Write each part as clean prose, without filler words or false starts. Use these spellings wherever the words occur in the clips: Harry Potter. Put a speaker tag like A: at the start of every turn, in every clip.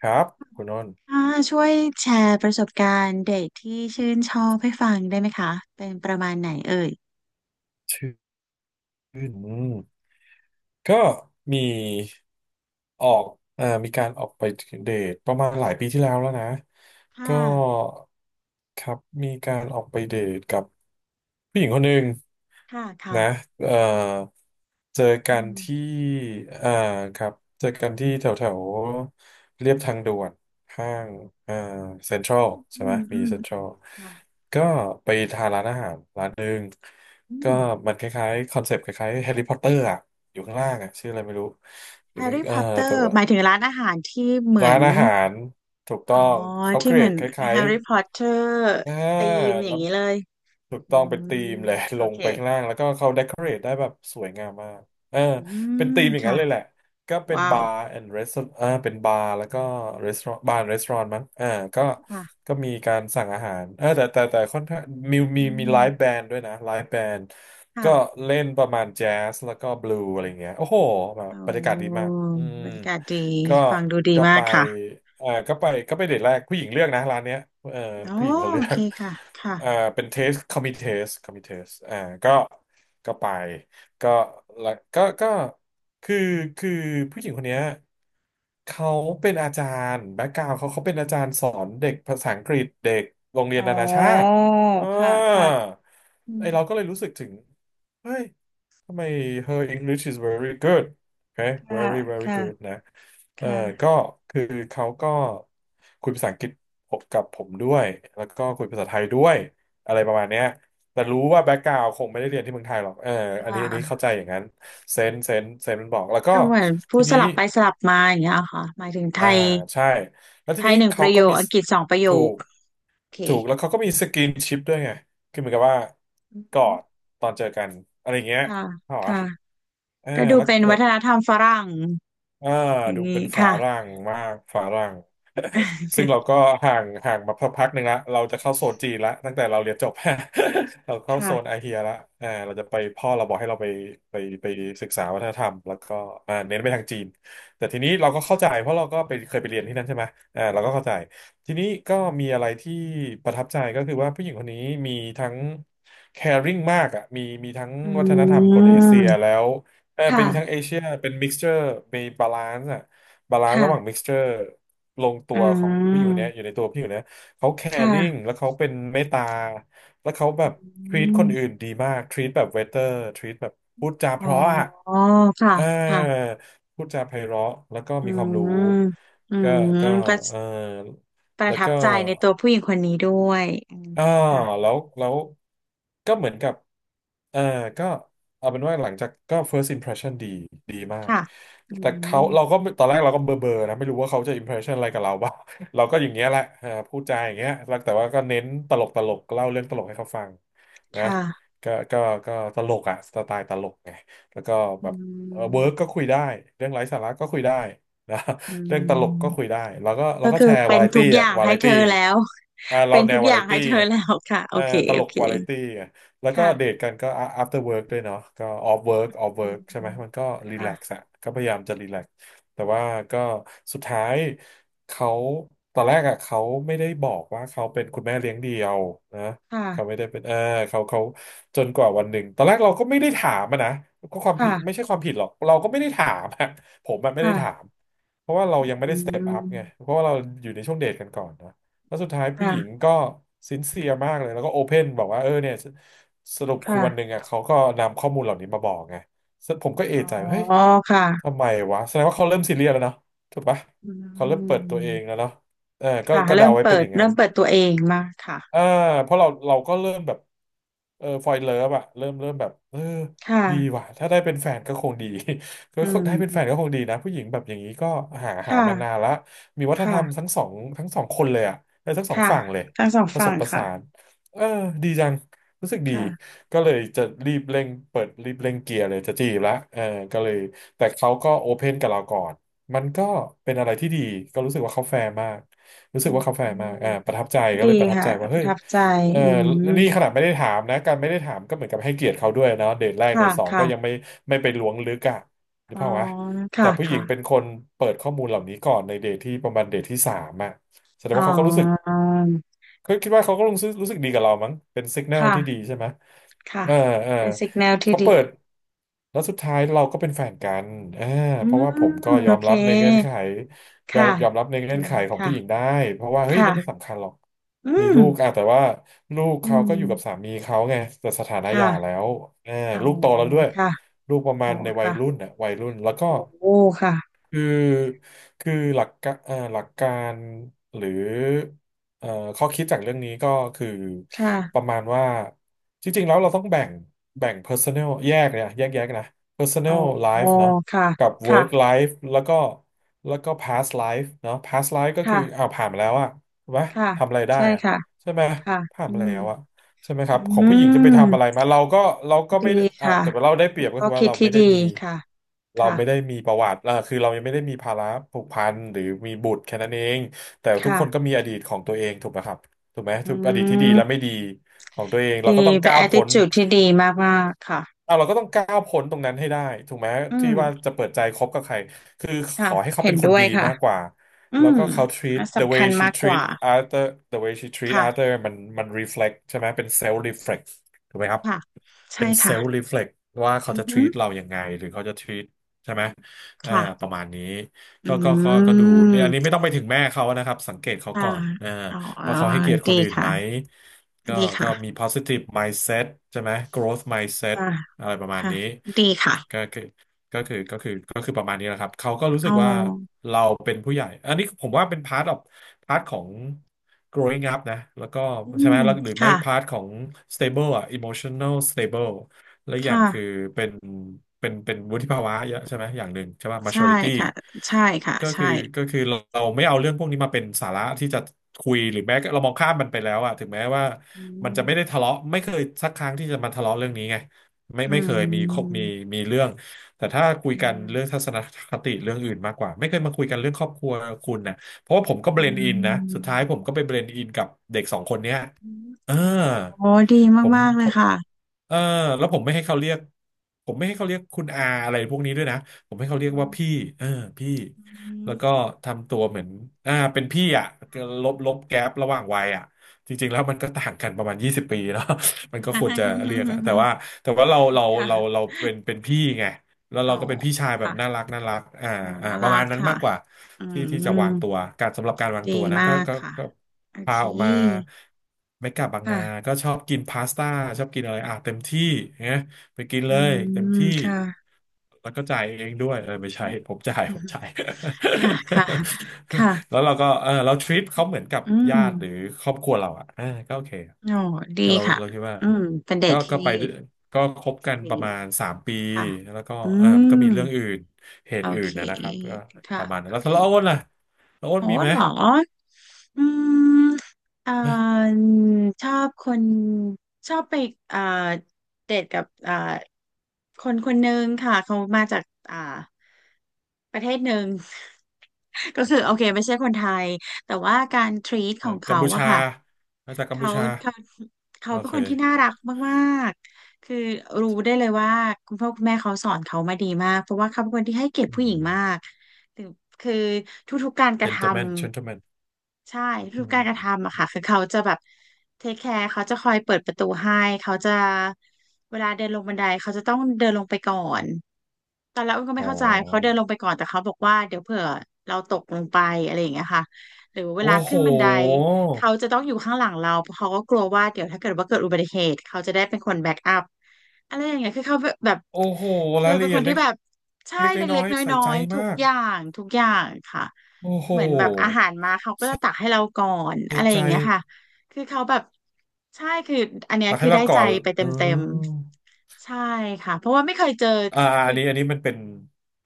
A: ครับคุณอ้น
B: ค่ะช่วยแชร์ประสบการณ์เด็กที่ชื่นชอบให้ฟังได้ไหมคะเป็นประมาณไหนเอ่ย
A: ชื่นอืมก็มีออกเอ่อมีการออกไปเดทประมาณหลายปีที่แล้วนะ
B: ค
A: ก็
B: ่ะ
A: ครับมีการออกไปเดทกับผู้หญิงคนหนึ่ง
B: ค่ะ
A: นะ
B: ค่ะ
A: เอ่อเจอกั
B: อื
A: นที่
B: ม
A: อ่าครับเจอกันที่แถวแถวเรียบทางด่วนห้างอ่าเซ็นทรัลใช่
B: อื
A: ไหม
B: ม
A: มี
B: อืม
A: เซ็นทรัล
B: ค่ะ
A: ก็ไปทานร้านอาหารร้านหนึ่ง
B: อื
A: ก็
B: ม
A: มันคล้ายๆคอนเซปต์คล้ายๆแฮร์รี่พอตเตอร์อะอยู่ข้างล่างอะชื่ออะไรไม่รู้อ
B: แฮ
A: ยู่ใก
B: ร์
A: ล้
B: รี่พอตเตอ
A: แต่
B: ร์
A: ว่า
B: หมายถึงร้านอาหารที่เหมือ
A: ร้าน
B: น
A: อาหารถูกต้
B: อ๋
A: อ
B: อ
A: งเขา
B: ที่
A: เกร
B: เหมือ
A: ด
B: น
A: คล้า
B: แฮ
A: ย
B: ร์รี่พอตเตอร์
A: อ่า
B: ธีมอ
A: แล้
B: ย่าง
A: ว
B: นี้เลย
A: ถูก
B: อื
A: ต้องเป็นธี
B: ม
A: มเลย ล
B: โอ
A: ง
B: เค
A: ไปข้างล่างแล้วก็เขาเดคอเรทได้แบบสวยงามมากเออ
B: อื
A: เป็น
B: ม
A: ธีมอย่าง
B: ค่ะ
A: นั้นเลยแหละ ก็เป็น
B: ว้า
A: บา
B: ว
A: ร์แอนด์ร a สอร์เป็นบาร์แล้วก็รีสอร์บาร์ restaurant มั้งอ่าก็
B: ค่ะ
A: ก็มีการสั่งอาหารเออแต่ค่อนข้างมี
B: อื
A: มีมี
B: ม
A: ไลฟ์แบนด์ด้วยนะไลฟ์แบนด์
B: ค่ะ
A: ก็เล่นประมาณแจ๊สแล้วก็บลูอะไรเงี้ย โอ้โหแบบ
B: โอ
A: บรรยากาศดี
B: ้
A: มาก
B: บรรยากาศดี
A: ก็
B: ฟังดูดี
A: ก็
B: มา
A: ไป
B: กค่ะ
A: เออก็ไปเดทแรกผู้หญิงเลือกนะร้านเนี้ยเออ
B: โอ
A: ผู้หญิงเขา
B: โอ
A: เลือ
B: เค
A: ก
B: ค่ะค่ะ
A: อ่าเป็นเทสคอมมิเทสคอมมิเทสก็ก็ไป ก็ละกก็ก็คือคือผู้หญิงคนเนี้ยเขาเป็นอาจารย์แบ็กกราวเขาเป็นอาจารย์สอนเด็กภาษาอังกฤษเด็กโรงเรีย
B: อ๋
A: นนานาชาติ
B: อ
A: อ่า
B: ค่ะค่ะอื
A: ไอ
B: ม
A: เราก็เลยรู้สึกถึงเฮ้ยทำไม her English is very good okay
B: ค่ะ
A: very very
B: ค่ะ
A: good นะเออก็
B: ค่ะ
A: คือเขาก็คุยภาษาอังกฤษผมด้วยแล้วก็คุยภาษาไทยด้วยอะไรประมาณเนี้ย แต่รู้ว่าแบ็กกราวด์คงไม่ได้เรียนที่เมืองไทยหรอกเออ
B: ค
A: อันนี้เข้า
B: ่ะ
A: ใจอย่างนั้นเซนมันบอก แล้วก็
B: ก็เหมือนพู
A: ที
B: ดส
A: นี้
B: ลับไปสลับมาอย่างเงี้ยค่ะหมายถึงไท
A: อ่า
B: ย
A: ใช่ แล้ว
B: ไท
A: ที
B: ย
A: นี้
B: หนึ่งป
A: เขา
B: ระโย
A: ก็
B: ค
A: มี
B: อังกฤษสองประโย
A: ถู
B: ค
A: ก
B: โอเค
A: ถูก แล้วเขาก็มีสกินชิปด้วยไงคือเหมือนกับว่า
B: อือ
A: ก
B: ฮึ
A: อด ตอนเจอกัน อะไรอย่างเงี้ย
B: ค่ะ
A: เหร
B: ค่ะ
A: อะเออ
B: ก็ดู
A: แล้ว
B: เป็น
A: แบ
B: วั
A: บ
B: ฒนธรรมฝรั่ง
A: อ่า
B: อย่าง
A: ดูเป็
B: นี้
A: นฝา
B: ค่ะ
A: รั่งมาก ฝารั่ง ซึ่ง เราก็ห่างมาพักหนึ่งละเราจะเข้าโซนจีนละตั้งแต่เราเรียนจบ เราเข้าโซ
B: ค่ะ
A: นอาเฮียละเราจะไปพ่อเราบอกให้เราไปไปศึกษาวัฒนธรรมแล้วก็เน้นไปทางจีนแต่ทีนี้เราก็เข้าใจเพราะเราก็ไปเคยไปเรียนที่นั่นใช่ไหมเราก็เข้าใจทีนี้ก็มีอะไรที่ประทับใจก็คือว่าผู้หญิงคนนี้มีทั้ง caring มากอ่ะมีทั้ง
B: อื
A: วัฒนธรรมคนเอเชียแล้
B: ม
A: วเออเป็นทั้ง
B: ค่ะ
A: เอเชียเป็น mixture มี balance อ่ะ บาลานซ์ระหว่าง
B: ค่ะ
A: mixture ลงตั
B: อื
A: วของผู้หญิงคนเนี้ยอ
B: ม
A: ยู่ในตัวผู้หญิงคนเนี้ยเขา caring
B: ค่ะ
A: แล้วเขาเป็นเมตตาแล้วเขาแบ
B: อื
A: บ treat คนอื่
B: ม
A: นดีมาก treat แบบ waiter treat แบบพูดจา
B: อ๋
A: เพ
B: อ
A: ราะอ่ะ
B: ค่ะ
A: เออ
B: ค่ะ
A: พูดจาไพเราะแล้วก็
B: อื
A: มีความรู้
B: มอื
A: ก็
B: ม
A: ก็
B: ก็
A: เออ
B: ประ
A: แล้ว
B: ทับ
A: ก็
B: ใจในตัวผู้หญิงคนนี้ด้วยอืม
A: อ่า
B: ค่ะ
A: แล้วก็เหมือนกับเออก็เอาเป็นว่าหลังจากก็ first impression ดีดีมาก
B: ค่ะอื
A: แต่เขา
B: ม
A: เราก็ตอนแรกเราก็เบอร์นะไม่รู้ว่าเขาจะ impression อะไรกับเราบ้าง เราก็อย่างเงี้ยแหละเออพูดจาอย่างเงี้ยแล้วแต่ว่าก็เน้นตลกตลกเล่าเรื่องตลกให้เขาฟังนะ
B: ค่ะ
A: ก็ก็ก็ตลกอะสไตล์ตลกไงแล้วก็
B: อื
A: แบบเออวิร์กก็
B: ม
A: คุยได้เรื่องไร้สาระก็คุยได้ นะ
B: อื
A: เรื่อ
B: ม
A: งตลกก็คุยได้แล้วก็แล้
B: ก็
A: วก็
B: คือ
A: แชร์
B: เป็
A: วา
B: น
A: ไร
B: ทุ
A: ตี้
B: กอ
A: อะ
B: ย่าง
A: วา
B: ให้
A: ไร
B: เธ
A: ตี้
B: อแล้ว
A: เรา
B: เป็น
A: แน
B: ทุ
A: ว
B: ก
A: วา
B: อย่า
A: ไร
B: งให้
A: ตี้
B: เธอ
A: ไง
B: แล้วค่ะโอ
A: เออ
B: เค
A: ต
B: โอ
A: ลก
B: เค
A: วาไรตี้ไงแล้วก็
B: ค่ะ
A: เดทกันก็ after work ด้วยเนาะก็ off work off
B: อืม
A: work ใช่ไหมมันก็รี
B: ค่ะ
A: แลกซ์อะก็พยายามจะรีแลกซ์แต่ว่าก็สุดท้ายเขาตอนแรกอะเขาไม่ได้บอกว่าเขาเป็นคุณแม่เลี้ยงเดี่ยวนะ
B: ค่ะ
A: เขาไม่ได้เป็นเออเขาจนกว่าวันหนึ่งตอนแรกเราก็ไม่ได้ถามอะนะก็ความผิดไม่
B: ค่ะ
A: ใช่ความผิดหรอกเราก็ไม่ได้ถามอะผมอะไม่ได้ถา
B: ค่ะ
A: ม เพราะว่าเรายังไม่
B: อื
A: ได้สเต็ป
B: ม
A: อัพไง เพราะว่าเราอยู่ในช่วงเดทกันก่อนเนอะแล้วสุดท้ายผู้หญิง
B: ค่ะ
A: ก็ซินเซียมากเลย แล้วก็โอเพนบอกว่าเออเนี่ยสสรุปคือวันหนึ่ง
B: ค่ะ
A: อ่ะเขาก็นำข้อมูลเหล่านี้มาบอกไงซึ่งผมก็
B: อ๋อ
A: เอะใจว่าเฮ้ย
B: ค่ะ
A: ทำไมวะแสดงว่าเขาเริ่มซีเรียสแล้วเนาะถูกปะ
B: อื
A: เขาเริ่มเปิดตัวเองแล้ว
B: ม
A: เนาะเออก็
B: ค่ะ
A: ก็
B: เริ่
A: เดา
B: ม
A: ไว้เป็
B: เปิ
A: นอ
B: ด
A: ย่างนั้
B: เริ่
A: น
B: มเปิดตัวเองมากค่ะ
A: อ่าเพราะเราก็เริ่มแบบเออฟอยเลิฟอะเริ่มแบบเออ
B: ค
A: ดี
B: ่ะ
A: ว่ะถ้าได้เป็นแฟนก็คงดี ก็
B: อื
A: ก็
B: ม
A: ได้เป็นแฟนก็คงดีนะผู้หญิงแบบอย่างนี้ก็หา
B: ค
A: หามานาน
B: ่ะ
A: ละมีวัฒนธรรม
B: ค่ะ
A: ทั้งสองคนเลยอะเออทั้งสอง
B: ค่ะ
A: ฝั่งเลย
B: ทั้งสอง
A: ผส
B: ฝั่
A: ม
B: ง
A: ผ
B: ค่ะ
A: สานเออดีจังรู้สึกดี
B: ค่ะ
A: ก็เลยจะรีบเร่งเกียร์เลยจะจีบละเออก็เลยแต่เขาก็โอเพนกับเราก่อนมันก็เป็นอะไรที่ดีก็รู้สึกว่าเขาแฟร์มาก รู้
B: อ๋
A: สึก
B: อ
A: ว่าเขาแฟร์มากประทับใจก็
B: ดี
A: เลยประทับ
B: ค่ะ
A: ใจว่า
B: ป
A: เฮ้
B: ระ
A: ย
B: ทับใจ
A: เออ
B: อืม
A: นี่ขนาดไม่ได้ถามนะ การไม่ได้ถามก็เหมือนกับให้เกียรติเขาด้วยเนาะเดทแรกเด
B: ค่ะ
A: ทสองก็
B: ค่ะ
A: ยังไม่ไปล้วงลึกอ่ะหรือ
B: อ๋อ
A: เึกภาพวะแต่
B: ค่ะ
A: ผู้หญิงเป็น
B: ค่ะ
A: คนเปิดข้อมูลเหล่านี้ก่อนในเดทที่ประมาณเดทที่สามอ่ะแสดง
B: อ๋
A: ว่าเขาก็รู้สึก
B: อ
A: เขาคิดว่าเขาก็รู้สึกดีกับเรามั้งเป็นสัญญาณที่ดี
B: ค่ะ
A: ใช่ไหม
B: ค่ะ
A: เออเออ
B: เป็นสิกแนลที่
A: เขา
B: ดี
A: เปิดแล้วสุดท้ายเราก็เป็นแฟนกันเออ
B: อื
A: เพ
B: ม
A: ราะว่าผมก็
B: โอ
A: ยอม
B: เค
A: รับในเงื่อนไขยอ
B: ค่ะ
A: มยอมรับในเงื่
B: ดี
A: อนไขของผู้หญิง
B: ค่ะ
A: ได้เพราะว่าเฮ้ย
B: ค่ะ
A: นั่นไม่สำคัญหรอก
B: อื
A: มี
B: ม
A: ลูกอะแต่ว่าลูก
B: อื
A: เขา
B: ม
A: ก็อยู่กับสามีเขาไงแต่สถานะห
B: ค่ะ
A: ย่าแล้วเออ
B: อ๋อ
A: ลูกโตแล้วด้วย
B: ค่ะ
A: ลูกประมา
B: อ๋อ
A: ณในวัย
B: ค่ะ
A: รุ่นน่ะวัยรุ่นแล้วก็
B: โอ้ค่ะ
A: คือหลักการหรือ เอ่อข้อคิดจากเรื่องนี้ก็คือ
B: ค่ะ
A: ประมาณว่าจริงๆแล้วเราต้องแบ่ง personal แยกเนี่ยแยกนะ
B: อ๋อ
A: personal life เนาะ
B: ค่ะ
A: กับ
B: ค่ะ
A: work life แล้วก็ past life เนาะ past life ก็คือ
B: ค่ะ
A: อ้าวผ่านมาแล้วอะถูกไหม
B: ค่ะ
A: ทำอะไรได้
B: ใช่
A: อะ
B: ค่ะ
A: ใช่ไหม
B: ค่ะ
A: ผ่าน
B: อื
A: มา
B: ม
A: แล้วอะใช่ไหมค
B: อื
A: รับของผู้หญิงจะไปทำอะไร
B: ม
A: มาเราก็ไม่
B: ดี
A: ได้อ่ะ
B: ค่ะ
A: แต่ว่าเราได้เปรี
B: เป็น
A: ยบก็
B: ข้อ
A: คือว่า
B: คิดที่ดีค่ะ
A: เรา
B: ค่ะ
A: ไม่ได้มีประวัติเออคือเรายังไม่ได้มีภาระผูกพันหรือมีบุตรแค่นั้นเอง แต่ทุกคนก็
B: ค่ะ
A: มีอดีตของตัวเองถูกไหมครับถูกไหม
B: อื
A: ทุกอดีตที่ดีและไม่
B: ม
A: ดีของตัวเอง
B: ดี
A: เราก็ต้อง
B: เป็น
A: ก้าวพ้น
B: attitude ที่ดีมากๆค่ะ
A: เอาเราก็ต้องก้าวพ้นตรงนั้นให้ได้ถูกไหม
B: อื
A: ที่ว่า
B: ม
A: จะเปิดใจคบกับใครคือข
B: ค่ะ
A: อให้เขา
B: เห็
A: เป็
B: น
A: นคน
B: ด้วย
A: ดี
B: ค่ะ
A: มากกว่า
B: อื
A: แล้ว
B: ม
A: ก็เขา treat
B: อัน
A: the
B: สำ
A: way
B: คัญ
A: she
B: มากก
A: treat
B: ว่า
A: other the way she treat other
B: ค่ะ
A: มัน reflect ใช่ไหมเป็น self reflect ถูกไหมครับ
B: ค่ะใช่
A: เป็นเซ
B: ค่ะ
A: ลล์รีเฟล็กว่าเขา
B: อือ
A: จะ
B: ฮึ
A: treat เราอย่างไงหรือเขาจะ treat ใช่ไหมอ่า
B: ค่ะ
A: ประมาณนี้
B: อ
A: ก็ก็ก็
B: ื
A: ก็ดูเนี่ยอันนี้ไม่
B: ม
A: ต้องไปถึงแม่เขานะครับสังเกตเขาก่
B: ค่ะ
A: อน
B: อ๋อ
A: ว่าเขาให้เกียรติคน
B: ดี
A: อื่นไห
B: ค่ะ
A: มก็
B: ดี
A: ก็
B: ค่ะ
A: มี positive mindset ใช่ไหม growth mindset
B: ค่ะ
A: อะไรประมาณ
B: ค่ะ
A: นี้
B: ดี
A: ก็
B: ค่ะ
A: คือก็คือประมาณนี้แหละครับเขาก็รู้
B: อ๋
A: สึ
B: อ
A: กว่าเราเป็นผู้ใหญ่อันนี้ผมว่าเป็น พาร์ทของ growing up นะแล้วก็
B: อื
A: ใช่ไห
B: ม
A: มแล้วหรือไม่
B: ค่ะ
A: พาร์ทของ stable อ่ะ emotional stable และอกอย่าง
B: ค่ะ
A: คือเป็นเป็นวุฒิภาวะเยอะใช่ไหมอย่างหนึ่งใช่ป่ะ
B: ใช่
A: maturity
B: ค่ะใช่ค่ะ
A: ก็
B: ใช่
A: คือก็คือเราไม่เอาเรื่องพวกนี้มาเป็นสาระที่จะคุยหรือแม้เรามองข้ามมันไปแล้วอะถึงแม้ว่า
B: อื
A: มันจะไม่ได้
B: ม
A: ทะเลาะไม่เคยสักครั้งที่จะมาทะเลาะเรื่องนี้ไงไม่
B: อื
A: ไม่เคยมีคบ
B: ม
A: มีเรื่องแต่ถ้าคุย
B: อื
A: กันเรื่อง
B: ม
A: ทัศนคติเรื่องอื่นมากกว่าไม่เคยมาคุยกันเรื่องครอบครัวคุณนะ เพราะว่าผมก็เบล
B: อื
A: นด์อินนะสุด
B: ม
A: ท้ายผมก็ไปเบลนด์อินกับเด็กสองคนเนี้ย
B: อืม
A: เออ
B: โอ้ดี
A: ผม
B: มากๆเล
A: ผ
B: ย
A: ม
B: ค่ะ
A: เออแล้วผมไม่ให้เขาเรียกคุณอาอะไรพวกนี้ด้วยนะผมให้เขาเรี
B: อื
A: ยกว่าพี่
B: ม
A: เออพี่
B: อืม
A: แล้วก็ทำตัวเหมือนเป็นพี่อ่ะ
B: ค่ะ
A: ลบแก๊ประหว่างวัยอ่ะจริงๆแล้วมันก็ต่างกันประมาณ20 ปีเนาะ มันก็ควรจะเรียกอะแต่ว่าเราเราเรา
B: ค่ะ
A: เราเป็นพี่ไง แล้ว
B: อ๋
A: เรา
B: อ
A: ก็เป็นพี่ชายแบบ
B: ค่ะ
A: น่ารักน่ารัก
B: โอ้น่า
A: ป
B: รั
A: ระมา
B: ก
A: ณนั้น
B: ค่ะ
A: มากกว่า
B: อื
A: ที่ที่
B: ม
A: จะวางตัว การสำหรับการวาง
B: ดี
A: ตัวนะ
B: มา
A: ก็
B: ก
A: ก็
B: ค่ะ
A: ก็
B: โอเค
A: พาออกมาเมกะบางนา
B: ค่ะ
A: ก็ชอบกินพาสต้าชอบกินอะไรอ่ะเต็มที่เนีย ไปกิน
B: อื
A: เลยเต็ม
B: ม
A: ที่
B: ค่ะ
A: แล้วก็จ่ายเองด้วยเออไม่
B: อื
A: ใช่ผ
B: ม
A: มจ่ายผมจ่าย
B: ค่ะค่ะ
A: แล้
B: ค่ะ
A: วเราก็เออเราทริปเขาเหมือนกับ
B: อืม
A: ญาติหรือครอบครัวเราอ่ะเออก็โอเค
B: โอ้ดี
A: ก็เรา
B: ค่ะ
A: เราคิดว่า
B: อืมเป็นเด
A: ก็
B: ทที่
A: ก็ไปด้วยก็คบกันป
B: ดี
A: ระมาณ3 ปี
B: ค่ะ
A: แล้วก็
B: อื
A: เออมันก็
B: ม
A: มีเรื่องอื่นเห
B: โอ
A: ตุอื่
B: เค
A: นนะครับก็ป
B: ค่ะ
A: ระมาณนั้น
B: โอ
A: แล้ว
B: เค
A: แล้วอ้นล่ะแล้วอ้
B: โห
A: นมีไหม
B: เหรออืมอ่
A: ฮะ
B: าชอบคนชอบไปอ่าเดทกับคนคนหนึ่งค่ะเขามาจากอ่าประเทศหนึ่ง ก็คือโอเคไม่ใช่คนไทยแต่ว่าการทรีต
A: เอ
B: ข
A: อ
B: อง
A: กัม
B: เขา
A: พู
B: อะ
A: ชา
B: ค่ะ
A: มาจากกัมพู
B: เขา
A: ชา
B: เขาเขา
A: โอ
B: เป็น
A: เค
B: คนที่น่ารักมากๆคือรู้ได้เลยว่าคุณพ่อคุณแม่เขาสอนเขามาดีมากเพราะว่าเขาเป็นคนที่ให้เกียรติ
A: อื
B: ผู้หญิ
A: ม
B: งมากคือคือทุกๆการกระทำ
A: gentleman gentleman
B: ใช่ทุ
A: อื
B: กๆกา
A: ม
B: รกระทำอะค่ะคือเขาจะแบบเทคแคร์เขาจะคอยเปิดประตูให้เขาจะเวลาเดินลงบันไดเขาจะต้องเดินลงไปก่อน ตอนแรกอ้นก็
A: อ๋
B: ไม่
A: อ
B: เข้าใจเขาเดินลงไปก่อนแต่เขาบอกว่าเดี๋ยวเผื่อเราตกลงไปอะไรอย่างเงี้ยค่ะหรือเวลา
A: โอ้โห
B: ขึ้นบันไดเขาจะต้องอยู่ข้างหลังเราเพราะเขาก็กลัวว่าเดี๋ยวถ้าเกิดว่าเกิดอุบัติเหตุเขาจะได้เป็นคนแบ็กอัพอะไรอย่างเงี้ยคือเขาแบบ
A: โอ้โห
B: คือ
A: รายละ
B: เป็น
A: เอี
B: ค
A: ยด
B: น
A: เล็
B: ที่
A: ก
B: แบบใช่
A: เล็กน้
B: เล็
A: อ
B: ก
A: ย
B: ๆน
A: ๆใส่
B: ้อ
A: ใจ
B: ยๆทุ
A: มา
B: ก
A: ก
B: อย่างทุกอย่างค่ะ
A: โอ้โห
B: เหมือนแบบอาหารมาเขาก็จะตักให้เราก่อน
A: ใส่
B: อะไรอ
A: ใจ
B: ย่างเงี้ยค่ะคือเขาแบบใช่คืออันเนี้ย
A: ตัก
B: คื
A: ให้
B: อ
A: เรา
B: ได้
A: ก่
B: ใจ
A: อน
B: ไปเต
A: อื
B: ็ม
A: ม
B: ๆใช่ค่ะเพราะว่าไม่เคยเจอ
A: อ่าอันนี้อันนี้มันเป็น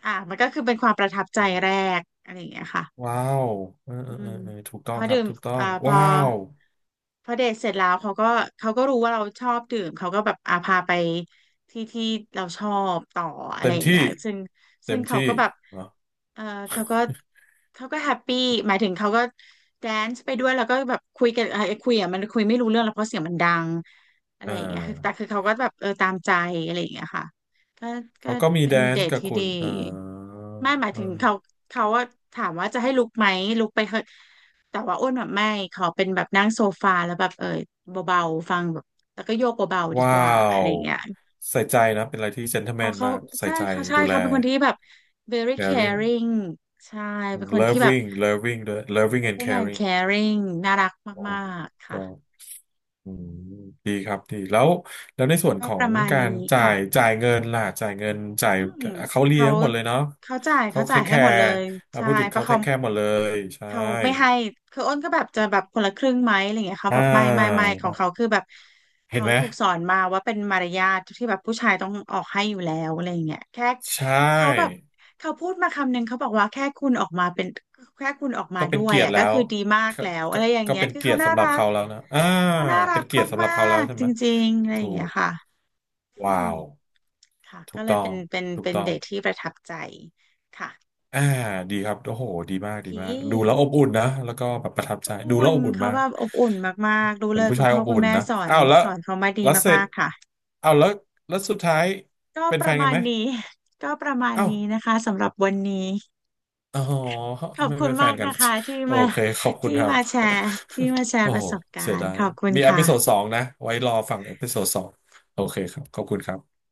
B: อ่ะมันก็คือเป็นความประทับใจแรกอะไรอย่างเงี้ยค่ะ
A: ว้าวเออเอ
B: อื
A: อเออ
B: ม
A: เออถูกต้
B: พ
A: อง
B: อ
A: ครั
B: ดื่
A: บ
B: ม
A: ถูกต้อง
B: อ่าพอ
A: ว้าว
B: พอเดทเสร็จแล้วเขาก็เขาก็รู้ว่าเราชอบดื่มเขาก็แบบอาพาไปที่ที่เราชอบต่ออะ
A: เต็
B: ไร
A: ม
B: อย่าง
A: ที่
B: เงี้ยซึ่ง
A: เต็
B: ซึ่ง
A: ม
B: เขา
A: ที่
B: ก็แบบ
A: เหรอ
B: เออเขาก็เขาก็แฮปปี้หมายถึงเขาก็แดนซ์ไปด้วยแล้วก็แบบคุยกันคุยอ่ะมันคุยไม่รู้เรื่องแล้วเพราะเสียงมันดังอะไร
A: อ่
B: อย่างเงี้ยคือแต่
A: า
B: คือเขาก็แบบเออตามใจอะไรอย่างเงี้ยค่ะ ก็ก็
A: เขาก็มี
B: เป็
A: แด
B: น
A: น
B: เด
A: ซ์
B: ท
A: กับ
B: ที่
A: คุ
B: ดี
A: ณ
B: ไม่หมาย
A: อ่า
B: ถึงเขาเขาว่าถามว่าจะให้ลุกไหมลุกไปเถอะแต่ว่าอ้วนแบบไม่ขอเป็นแบบนั่งโซฟาแล้วแบบเออเบาๆฟังแบบแล้วก็โยกเบาๆดี
A: ว้า
B: กว่าอะไร
A: ว
B: อย่างเงี้ย
A: ใส่ใจนะเป็นอะไรที่เจน t l e m
B: อ๋
A: แม
B: อ
A: น
B: เขา
A: มาก ใส่
B: ใช่
A: ใจ
B: เขาใช่
A: ดูแล
B: เขาเป็นคนที่แบบ very
A: caring
B: caring ใช่เป็นคนที่แบบ
A: loving ด้วย loving and
B: เป็นคน
A: caring
B: caring น่ารัก
A: โอ้
B: มากๆค่ะ
A: ก็อืมดีครับดีแล้วในส่วน
B: ก็
A: ขอ
B: ป
A: ง
B: ระมาณ
A: การ
B: นี้
A: จ่า
B: ค่ะ
A: ยจ่ายเงินล่ะจ่ายเงินจ่าย
B: อืม
A: เขาเลี้
B: เขา
A: ยงหมดเลยเนาะ
B: เขาจ่าย
A: เขา
B: เขา
A: เท
B: จ่าย
A: คแค
B: ให้หมดเล
A: ร์
B: ยใช่
A: พูดถึง
B: เพ
A: เขา
B: ราะ
A: เท
B: เขา
A: คแคร์หมดเลยใช่
B: เขาไม่ให้คืออ้นก็แบบจะแบบคนละครึ่งไหมอะไรเงี้ยเขา
A: อ่า
B: แบบไม่ข
A: ค
B: อง
A: รับ
B: เขาคือแบบ
A: เห็น
B: เขา
A: ไหม
B: ถูกสอนมาว่าเป็นมารยาทที่แบบผู้ชายต้องออกให้อยู่แล้วอะไรเงี้ยแค่
A: ใช
B: เขาแบบ
A: ่
B: เขาพูดมาคำหนึ่งเขาบอกว่าแค่คุณออกมาเป็นแค่คุณออกมา
A: ก็เป็
B: ด้
A: น
B: วย
A: เกียร
B: อ่ะ
A: ติแล้
B: ก็
A: ว
B: คือดีมาก
A: ก็
B: แล้วอะ
A: ก็
B: ไรอย่าง
A: ก็
B: เงี้ย
A: เป็น
B: คือ
A: เกีย
B: เขา
A: รติ
B: น่า
A: สำหรับ
B: รัก
A: เขาแล้วนะ
B: เขาน่ารั
A: เป็น
B: ก
A: เกียรติสำหรั
B: มา
A: บเขาแล้ว
B: ก
A: ใช่
B: ๆจ
A: ไหม
B: ริงๆอะไรอ
A: ถู
B: ย่างเงี้ย
A: ก
B: ค่ะอื
A: ว้า
B: ม
A: ว
B: ค่ะ
A: ถู
B: ก็
A: ก
B: เล
A: ต้
B: ย
A: อ
B: เป็
A: ง
B: น
A: ถูกต้อ
B: เด
A: ง
B: ทที่ประทับใจค่ะ
A: อ่าดีครับโอ้โหดี
B: โอ
A: มาก
B: เ
A: ดีมากดูแล้ว
B: ค
A: อบอุ่นนะแล้วก็แบบประทับใจดูแล้
B: อุ่
A: ว
B: น
A: อบอุ่น
B: เขา
A: มาก
B: แบบอบอุ่นมากๆรู้
A: เป็
B: เล
A: น
B: ย
A: ผู้
B: คุณ
A: ชาย
B: พ่
A: อ
B: อ
A: บ
B: คุ
A: อุ่
B: ณ
A: น
B: แม่
A: นะ
B: สอน
A: อ้าวแล้ว
B: สอนเขามาดี
A: แล้วเสร็
B: มา
A: จ
B: กๆค่ะ
A: อ้าวแล้วสุดท้าย
B: ก็
A: เป็น
B: ป
A: แฟ
B: ระ
A: นกั
B: มา
A: น
B: ณ
A: ไหม
B: นี้ ก็ประมาณ
A: อ้าว
B: นี้นะคะสำหรับวันนี้
A: อ๋อ
B: ขอบ
A: ไม่
B: คุณ
A: เป็นแฟ
B: มาก
A: นกัน
B: นะคะที่
A: โอ
B: มา
A: เคขอบคุ
B: ที่
A: ณครับ
B: มาแชร์ที่มาแช
A: โอ้
B: ร์ประ
A: โห
B: สบกา
A: เสีย
B: ร
A: ดา
B: ณ์
A: ย
B: ขอบคุณ
A: มีเอ
B: ค่ะ
A: พิโซดสองนะไว้รอฟังเอพิโซดสองโอเคครับขอบคุณครับ